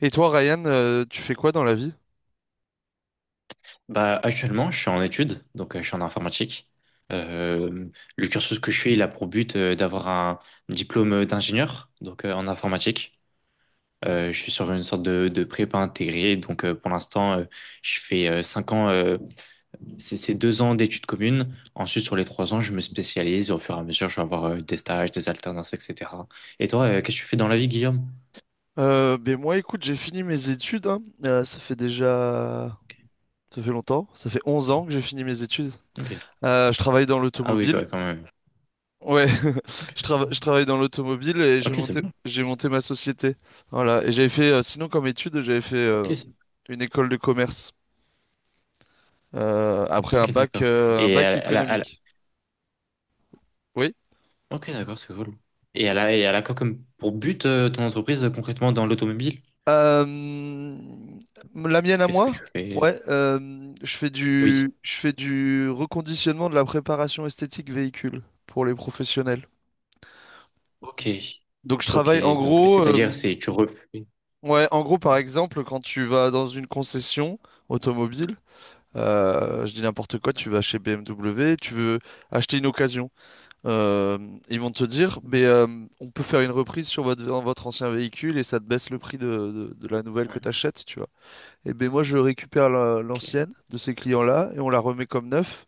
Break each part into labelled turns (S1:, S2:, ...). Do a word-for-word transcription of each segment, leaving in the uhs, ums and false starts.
S1: Et toi, Ryan, euh, tu fais quoi dans la vie?
S2: Bah, actuellement, je suis en études, donc euh, je suis en informatique. Euh, le cursus que je fais, il a pour but euh, d'avoir un diplôme euh, d'ingénieur, donc euh, en informatique. Euh, je suis sur une sorte de, de prépa intégrée, donc euh, pour l'instant, euh, je fais euh, cinq ans, euh, c'est c'est deux ans d'études communes. Ensuite, sur les trois ans, je me spécialise, et au fur et à mesure, je vais avoir euh, des stages, des alternances, et cetera. Et toi, euh, qu'est-ce que tu fais dans la vie, Guillaume?
S1: Euh, ben moi, écoute, j'ai fini mes études. hein. Euh, ça fait déjà... Ça fait longtemps. Ça fait onze ans que j'ai fini mes études.
S2: Ok.
S1: Euh, je travaille dans
S2: Ah oui,
S1: l'automobile.
S2: quoi, quand même.
S1: Ouais, je, trava- je travaille dans l'automobile et j'ai
S2: Ok, c'est
S1: monté,
S2: cool.
S1: j'ai monté ma société. Voilà. Et j'avais fait, euh, sinon comme étude, j'avais fait
S2: Ok,
S1: euh,
S2: c'est bon. Ok, c'est-
S1: une école de commerce euh, après
S2: bon,
S1: un
S2: ok,
S1: bac,
S2: d'accord.
S1: euh, un
S2: Et
S1: bac
S2: à, à la, à la-
S1: économique. Oui.
S2: Ok, d'accord, c'est cool. Et elle a, et elle a quoi comme pour but euh, ton entreprise euh, concrètement dans l'automobile?
S1: Euh, la mienne à
S2: Qu'est-ce que tu
S1: moi?
S2: fais?
S1: Ouais, euh, je fais
S2: Oui.
S1: du, je fais du reconditionnement de la préparation esthétique véhicule pour les professionnels.
S2: Ok.
S1: Donc je
S2: Ok,
S1: travaille en
S2: donc
S1: gros,
S2: c'est-à-dire
S1: euh,
S2: c'est tu refais.
S1: ouais, en gros par exemple quand tu vas dans une concession automobile, euh, je dis n'importe quoi, tu
S2: D'accord.
S1: vas chez B M W, tu veux acheter une occasion, euh, ils vont te dire, mais euh, on peut faire une reprise sur votre, votre ancien véhicule et ça te baisse le prix de, de, de la nouvelle que
S2: Ouais,
S1: tu achètes. Eh ben moi, je récupère la-
S2: ok.
S1: l'ancienne de ces clients-là et on la remet comme neuf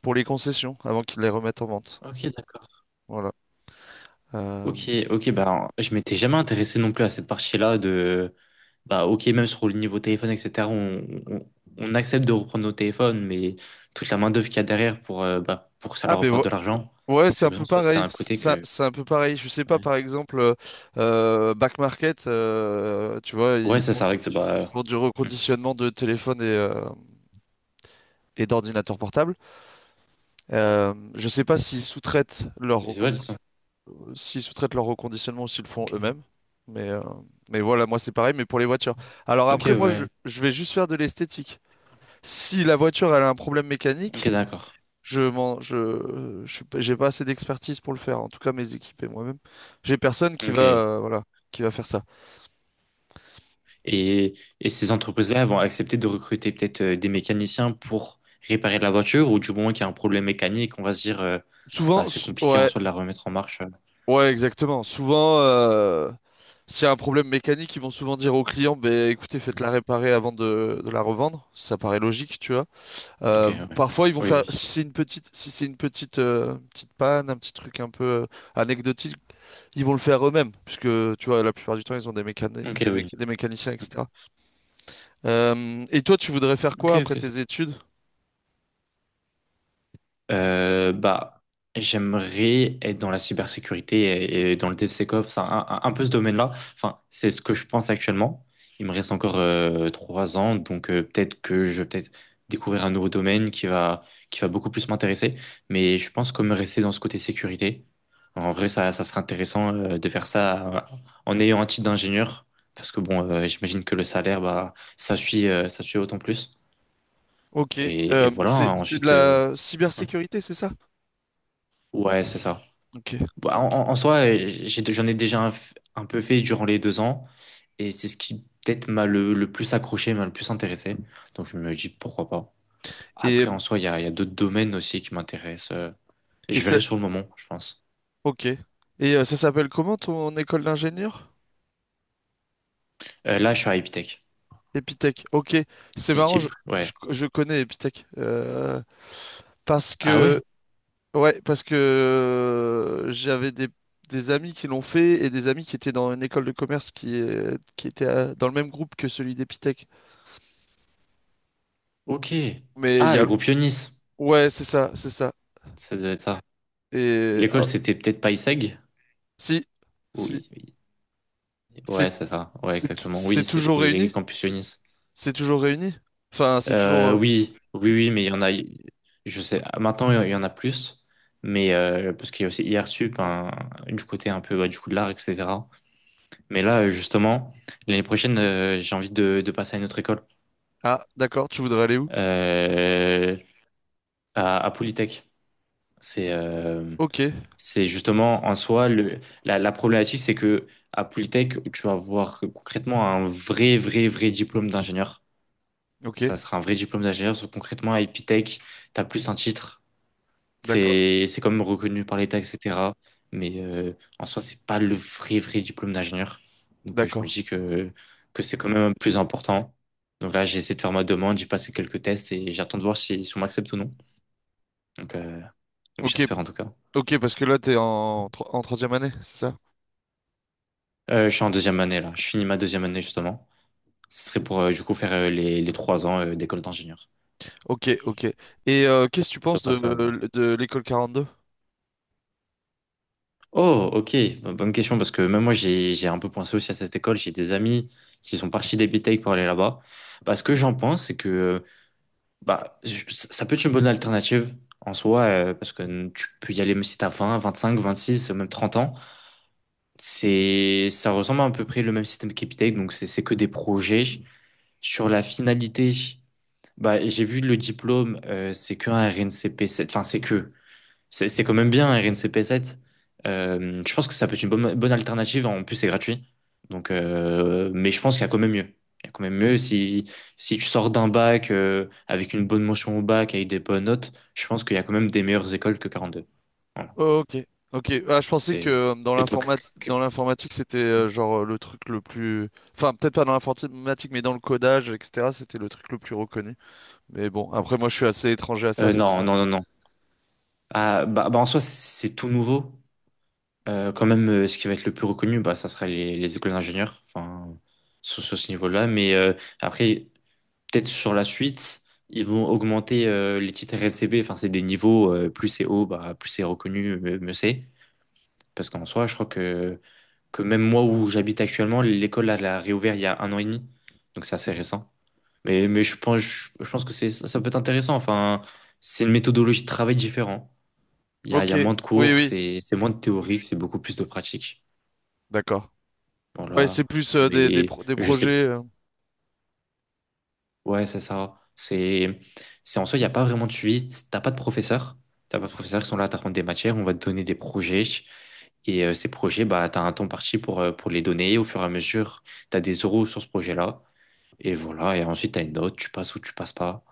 S1: pour les concessions avant qu'ils les remettent en vente.
S2: Ok, d'accord.
S1: Voilà. Euh,
S2: Ok, ok, bah je m'étais jamais intéressé non plus à cette partie-là de bah ok, même sur le niveau téléphone, et cetera. On, on, on accepte de reprendre nos téléphones, mais toute la main-d'œuvre qu'il y a derrière pour, euh, bah, pour que ça
S1: Ah
S2: leur
S1: ben
S2: apporte
S1: vo-
S2: de l'argent,
S1: ouais, c'est
S2: c'est
S1: un
S2: vraiment
S1: peu
S2: ça, c'est
S1: pareil.
S2: un
S1: C'est
S2: côté
S1: c'est-
S2: que.
S1: c'est un peu pareil. Je sais pas,
S2: Ouais,
S1: par exemple, euh, euh, Back Market, euh, tu vois,
S2: ouais,
S1: ils
S2: ça,
S1: font,
S2: c'est vrai que c'est
S1: ils font- ils
S2: bah.
S1: font du reconditionnement de téléphones et, euh, et d'ordinateurs portables.
S2: Hmm.
S1: Euh, je sais pas s'ils sous-traitent leur
S2: Mais ouais, ça.
S1: reconditionnement. S'ils sous-traitent leur reconditionnement, s'ils le font
S2: Ok,
S1: eux-mêmes. Mais, euh, mais voilà, moi c'est pareil, mais pour les voitures. Alors
S2: ok,
S1: après, moi je,
S2: ouais.
S1: je vais juste faire de l'esthétique. Si la voiture elle a un problème
S2: Ok,
S1: mécanique,
S2: d'accord.
S1: je m'en, je, je suis pas- j'ai pas assez d'expertise pour le faire. En tout cas, mes équipes et moi-même, j'ai personne qui va,
S2: Ok.
S1: euh, voilà, qui va faire ça.
S2: Et, et ces entreprises-là vont accepter de recruter peut-être euh, des mécaniciens pour réparer la voiture ou du moment qu'il y a un problème mécanique, on va se dire, euh,
S1: Souvent,
S2: bah, c'est
S1: s-
S2: compliqué en
S1: ouais,
S2: soi de la remettre en marche. euh.
S1: ouais, exactement. Souvent, euh, s'il y a un problème mécanique, ils vont souvent dire au client, ben écoutez,
S2: Mm.
S1: faites-la réparer avant de, de la revendre. Ça paraît logique, tu vois.
S2: Ok,
S1: Euh,
S2: ouais.
S1: parfois, ils vont
S2: Oui,
S1: faire,
S2: oui.
S1: si c'est une petite, si c'est une petite, euh, petite panne, un petit truc un peu euh, anecdotique, ils vont le faire eux-mêmes, puisque tu vois, la plupart du temps, ils ont des mécani-
S2: Ok,
S1: des
S2: oui.
S1: méca- des mécaniciens,
S2: Mm.
S1: et cetera. Euh, et toi, tu voudrais faire
S2: Ok,
S1: quoi
S2: ok,
S1: après
S2: ça.
S1: tes études?
S2: Euh, bah, j'aimerais être dans la cybersécurité et, et dans le DevSecOps, enfin, un, un, un peu ce domaine-là. Enfin, c'est ce que je pense actuellement. Il me reste encore euh, trois ans, donc euh, peut-être que je vais peut-être découvrir un nouveau domaine qui va, qui va beaucoup plus m'intéresser. Mais je pense que me rester dans ce côté sécurité, en vrai, ça, ça serait intéressant euh, de faire ça euh, en ayant un titre d'ingénieur, parce que bon, euh, j'imagine que le salaire, bah, ça suit, euh, ça suit autant plus.
S1: Ok,
S2: Et, et
S1: euh,
S2: voilà,
S1: c'est,
S2: hein,
S1: c'est de
S2: ensuite, euh,
S1: la cybersécurité, c'est ça?
S2: ouais, c'est ça.
S1: Ok,
S2: Bah, en,
S1: ok.
S2: en- en soi, euh, j'ai- j'en ai déjà un, f- un peu fait durant les deux ans. Et c'est ce qui peut-être m'a le, le plus accroché, m'a le plus intéressé. Donc je me dis pourquoi pas.
S1: Et,
S2: Après, en soi, il y a, il y a d'autres domaines aussi qui m'intéressent. euh, Et
S1: et
S2: je
S1: ça,
S2: verrai sur le moment, je pense.
S1: ok. Et euh, ça s'appelle comment ton école d'ingénieur?
S2: Euh, là, je suis à Epitech.
S1: Epitech. Ok, c'est
S2: C'est une
S1: marrant, je,
S2: chip. Ouais.
S1: je, je connais Epitech, euh, parce
S2: Ah ouais?
S1: que... Ouais, parce que euh, j'avais des, des amis qui l'ont fait et des amis qui étaient dans une école de commerce qui, est- qui était euh, dans le même groupe que celui d'Epitech.
S2: Ok.
S1: Mais il
S2: Ah,
S1: y a...
S2: le groupe Ionis.
S1: Ouais, c'est ça, c'est ça.
S2: Ça doit être ça.
S1: Et...
S2: L'école,
S1: ah,
S2: c'était peut-être payseg.
S1: si, si,
S2: Oui. Oui.
S1: c'est
S2: Ouais, c'est ça. Ouais,
S1: c'est t-
S2: exactement.
S1: c'est
S2: Oui, c'est sous
S1: toujours
S2: les
S1: réuni?
S2: campus
S1: C'est
S2: Ionis.
S1: c'est toujours réuni? Enfin, c'est toujours...
S2: Euh,
S1: euh,
S2: oui, oui, oui, mais il y en a, je sais, maintenant il y en a plus, mais euh, parce qu'il y a aussi I R S U P, hein, du côté un peu bah, du coup de l'art, et cetera. Mais là, euh, justement, l'année prochaine, euh, j'ai envie de, de passer à une autre école,
S1: Ah, d'accord, tu voudrais aller où?
S2: euh, à, à Polytech. C'est euh,
S1: Ok,
S2: c'est justement en soi, le, la, la problématique, c'est que à Polytech, tu vas avoir concrètement un vrai, vrai, vrai diplôme d'ingénieur.
S1: ok,
S2: Ça sera un vrai diplôme d'ingénieur, sauf que concrètement à Epitech, tu as plus un titre.
S1: d'accord,
S2: C'est c'est quand même reconnu par l'État, et cetera. Mais euh, en soi, c'est pas le vrai, vrai diplôme d'ingénieur. Donc euh, je me
S1: d'accord.
S2: dis que, que c'est quand même plus important. Donc là, j'ai essayé de faire ma demande, j'ai passé quelques tests et j'attends de voir si, si on m'accepte ou non. Donc, euh, donc
S1: Ok,
S2: j'espère en tout cas.
S1: ok, parce que là, t'es en, tro- en troisième année, c'est ça?
S2: Euh, je suis en deuxième année là, je finis ma deuxième année justement. Ce serait pour euh, du coup faire euh, les, les trois ans euh, d'école d'ingénieur.
S1: Ok, ok. Et euh, qu'est-ce que tu
S2: Ça
S1: penses
S2: passe à...
S1: de, de l'école quarante-deux?
S2: Oh, ok. Bo- bonne question parce que même moi j'ai j'ai un peu pensé aussi à cette école. J'ai des amis qui sont partis des B T E C pour aller là-bas. Bah, ce que j'en pense, c'est que euh, bah, je- ça peut être une bonne alternative en soi euh, parce que tu peux y aller même si t'as vingt vingt-cinq vingt-six même trente ans. C'est, ça ressemble à peu près le même système qu'EPITEC, donc c'est c'est que des projets. Sur la finalité, bah, j'ai vu le diplôme, euh, c'est que un R N C P, c'est- enfin c'est que. C'est c'est quand même bien, R N C P sept. Euh, je pense que ça peut être une bonne, bonne alternative. En plus, c'est gratuit. Donc, euh, mais je pense qu'il y a quand même mieux. Il y a quand même mieux si, si tu sors d'un bac euh, avec une bonne mention au bac, avec des bonnes notes, je pense qu'il y a quand même des meilleures écoles que quarante-deux. Voilà.
S1: Oh, ok, ok. Ah, je pensais que
S2: C'est...
S1: euh, dans
S2: Et toi, que-
S1: l'informatique,
S2: que-
S1: dans l'informatique, c'était euh, genre euh, le truc le plus, enfin peut-être pas dans l'informatique, mais dans le codage, et cetera. C'était le truc le plus reconnu. Mais bon, après moi, je suis assez étranger à ça,
S2: euh,
S1: c'est pour
S2: non,
S1: ça.
S2: non, non, non. Ah, bah, bah, en soi, c'est c'est tout nouveau. Euh, quand même, euh, ce qui va être le plus reconnu, bah, ça sera les, les écoles d'ingénieurs, enfin, sur, sur ce niveau-là. Mais euh, après, peut-être sur la suite, ils vont augmenter euh, les titres R S C B. Enfin, c'est des niveaux, euh, plus c'est haut, bah, plus c'est reconnu, mieux, mieux c'est. Parce qu'en soi, je crois que, que même moi où j'habite actuellement, l'école elle a réouvert il y a un an et demi. Donc c'est assez récent. Mais, mais je pense, je, je pense que c'est, ça, ça peut être intéressant. Enfin, c'est une méthodologie de travail différente. Il y a, il y
S1: Ok,
S2: a moins de
S1: oui,
S2: cours,
S1: oui,
S2: c'est c'est moins de théorique, c'est beaucoup plus de pratique.
S1: d'accord. Ouais,
S2: Voilà.
S1: c'est plus euh, des, des,
S2: Mais
S1: pro- des
S2: je sais.
S1: projets. euh,
S2: Ouais, c'est ça. C'est, c'est en soi, il n'y a pas vraiment de suivi. T'as pas de professeurs. T'as pas de professeurs qui sont là à t'apprendre des matières. On va te donner des projets. Et euh, ces projets, bah, tu as un temps parti pour, euh, pour les donner au fur et à mesure. Tu as des euros sur ce projet-là. Et voilà. Et ensuite, tu as une note. Tu passes ou tu passes pas.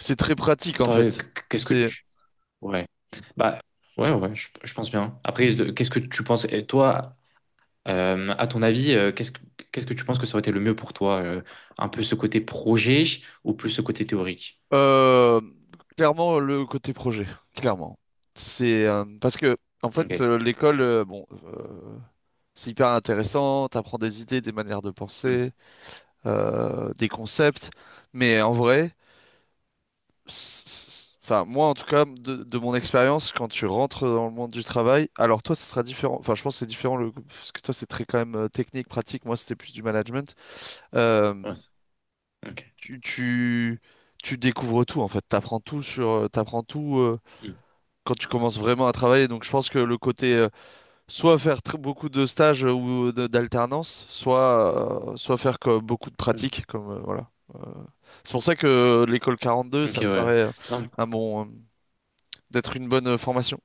S1: C'est très pratique en
S2: Toi, euh,
S1: fait.
S2: qu- Qu'est-ce que
S1: C'est
S2: tu. Ouais. Bah, ouais, ouais, je, je pense bien. Après, de- qu'est-ce que tu penses? Et toi, euh, à ton avis, euh, qu'est-ce que, qu'est-ce que tu penses que ça aurait été le mieux pour toi? Euh, un peu ce côté projet ou plus ce côté théorique?
S1: Euh, clairement, le côté projet, clairement. C'est euh, Parce que, en fait,
S2: Ok.
S1: euh, l'école, euh, bon, euh, c'est hyper intéressant, t'apprends des idées, des manières de
S2: Mm.
S1: penser, euh, des concepts, mais en vrai, c- c- enfin, moi, en tout cas, de, de mon expérience, quand tu rentres dans le monde du travail, alors toi, ça sera différent, enfin, je pense que c'est différent, le, parce que toi, c'est très quand même euh, technique, pratique, moi, c'était plus du management. Euh,
S2: Ouais, c'est- ok.
S1: tu, tu, tu découvres tout, en fait, t'apprends tout sur, euh, t'apprends tout. euh,
S2: Mm.
S1: Quand tu commences vraiment à travailler. Donc je pense que le côté euh, soit faire tr- beaucoup de stages euh, ou euh, de- d'alternance, soit, euh, soit faire co- beaucoup de
S2: Mm.
S1: pratiques. Comme, euh, voilà. C'est pour ça que euh, l'école quarante-deux,
S2: Ok,
S1: ça
S2: ouais,
S1: me
S2: ouais.
S1: paraît euh,
S2: Non,
S1: un bon, euh, d'être une bonne euh, formation.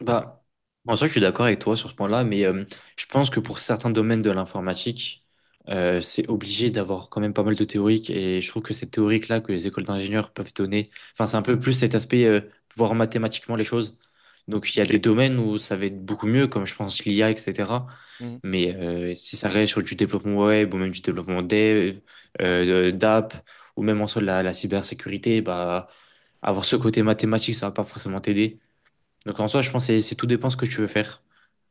S2: bah, en soi, je suis d'accord avec toi sur ce point-là, mais euh, je pense que pour certains domaines de l'informatique, euh, c'est obligé d'avoir quand même pas mal de théoriques. Et je trouve que cette théorique-là que les écoles d'ingénieurs peuvent donner, enfin, c'est un peu plus cet aspect, euh, voir mathématiquement les choses. Donc, il y a
S1: Ok.
S2: des domaines où ça va être beaucoup mieux, comme je pense l'I A, et cetera.
S1: Mhm.
S2: Mais euh, si ça reste sur du développement web ou même du développement dev, euh, d'app, ou même en soi de la, la cybersécurité, bah, avoir ce côté mathématique, ça va pas forcément t'aider. Donc en soi, je pense que c'est c'est tout dépend ce que tu veux faire.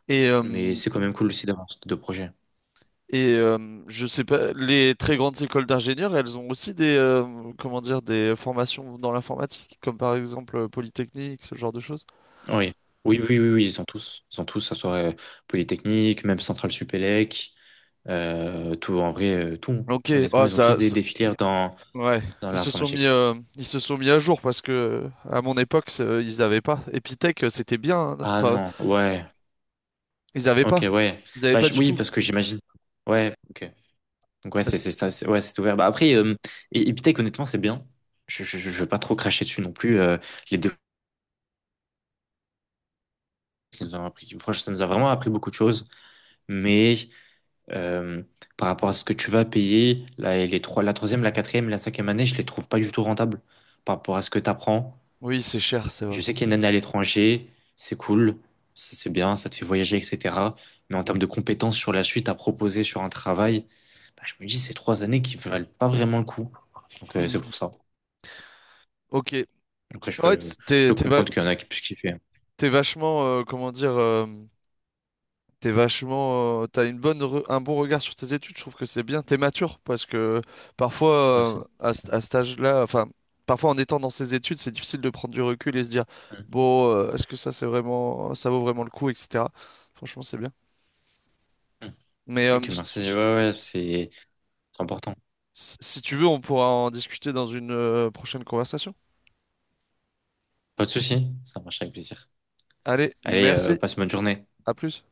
S1: Et,
S2: Mais
S1: euh,
S2: c'est quand même cool aussi d'avoir ce type de projet.
S1: et euh, je sais pas, les très grandes écoles d'ingénieurs, elles ont aussi des, euh, comment dire, des formations dans l'informatique, comme par exemple euh, Polytechnique, ce genre de choses.
S2: Oui. Oui, oui, oui, oui, ils sont tous. Ils sont tous, ça serait Polytechnique, même Centrale Supélec, euh, tout, en vrai, euh, tout, hein.
S1: Ok,
S2: Honnêtement,
S1: ah,
S2: ils ont tous
S1: ça,
S2: des,
S1: ça-
S2: des filières dans,
S1: Ouais,
S2: dans
S1: ils se sont mis,
S2: l'informatique.
S1: euh, ils se sont mis à jour parce que à mon époque, c'est- euh, ils n'avaient pas. Epitech, euh, c'était bien, hein.
S2: Ah
S1: Enfin,
S2: non, ouais.
S1: ils n'avaient pas.
S2: Ok, ouais.
S1: Ils n'avaient
S2: Bah,
S1: pas
S2: je-
S1: du
S2: oui,
S1: tout.
S2: parce que j'imagine. Ouais, ok. Donc ouais, c'est c'est
S1: C'est...
S2: ça, c'est- ouais, c'est ouvert. Bah, après, euh, et, et Epitech, honnêtement, c'est bien. Je, je, je je veux pas trop cracher dessus non plus. euh, Les deux, ça nous a appris, franchement, ça nous a vraiment appris beaucoup de choses. Mais euh, par rapport à ce que tu vas payer, la, les trois, la troisième, la quatrième, la cinquième année, je les trouve pas du tout rentables par rapport à ce que tu apprends.
S1: Oui, c'est cher, c'est vrai.
S2: Je sais qu'il y a une année à l'étranger, c'est cool, c'est c'est bien, ça te fait voyager, et cetera. Mais en termes de compétences sur la suite à proposer sur un travail, bah, je me dis ces trois années qui valent pas vraiment le coup. Donc euh, c'est
S1: Mhm.
S2: pour ça.
S1: Ok.
S2: Après, je
S1: Ouais,
S2: peux,
S1: t-
S2: je
S1: t'es
S2: peux
S1: t'es va-
S2: comprendre qu'il y
S1: t'es-
S2: en a qui puissent kiffer.
S1: t'es vachement, euh, comment dire, euh, t'es vachement, euh, t'as une bonne, re- un bon regard sur tes études. Je trouve que c'est bien. T'es mature parce que parfois, euh,
S2: Merci.
S1: à, ce- à cet âge-là, enfin, parfois en étant dans ses études, c'est difficile de prendre du recul et se dire,
S2: Mm.
S1: bon, euh, est-ce que ça, c'est vraiment, ça vaut vraiment le coup, et cetera. Franchement, c'est bien.
S2: Mm.
S1: Mais euh,
S2: Ok,
S1: s-
S2: merci. Ouais, ouais, c'est c'est important.
S1: s- si tu veux, on pourra en discuter dans une euh, prochaine conversation.
S2: Pas de souci, ça marche avec plaisir.
S1: Allez,
S2: Allez, euh,
S1: merci.
S2: passe une bonne journée.
S1: À plus.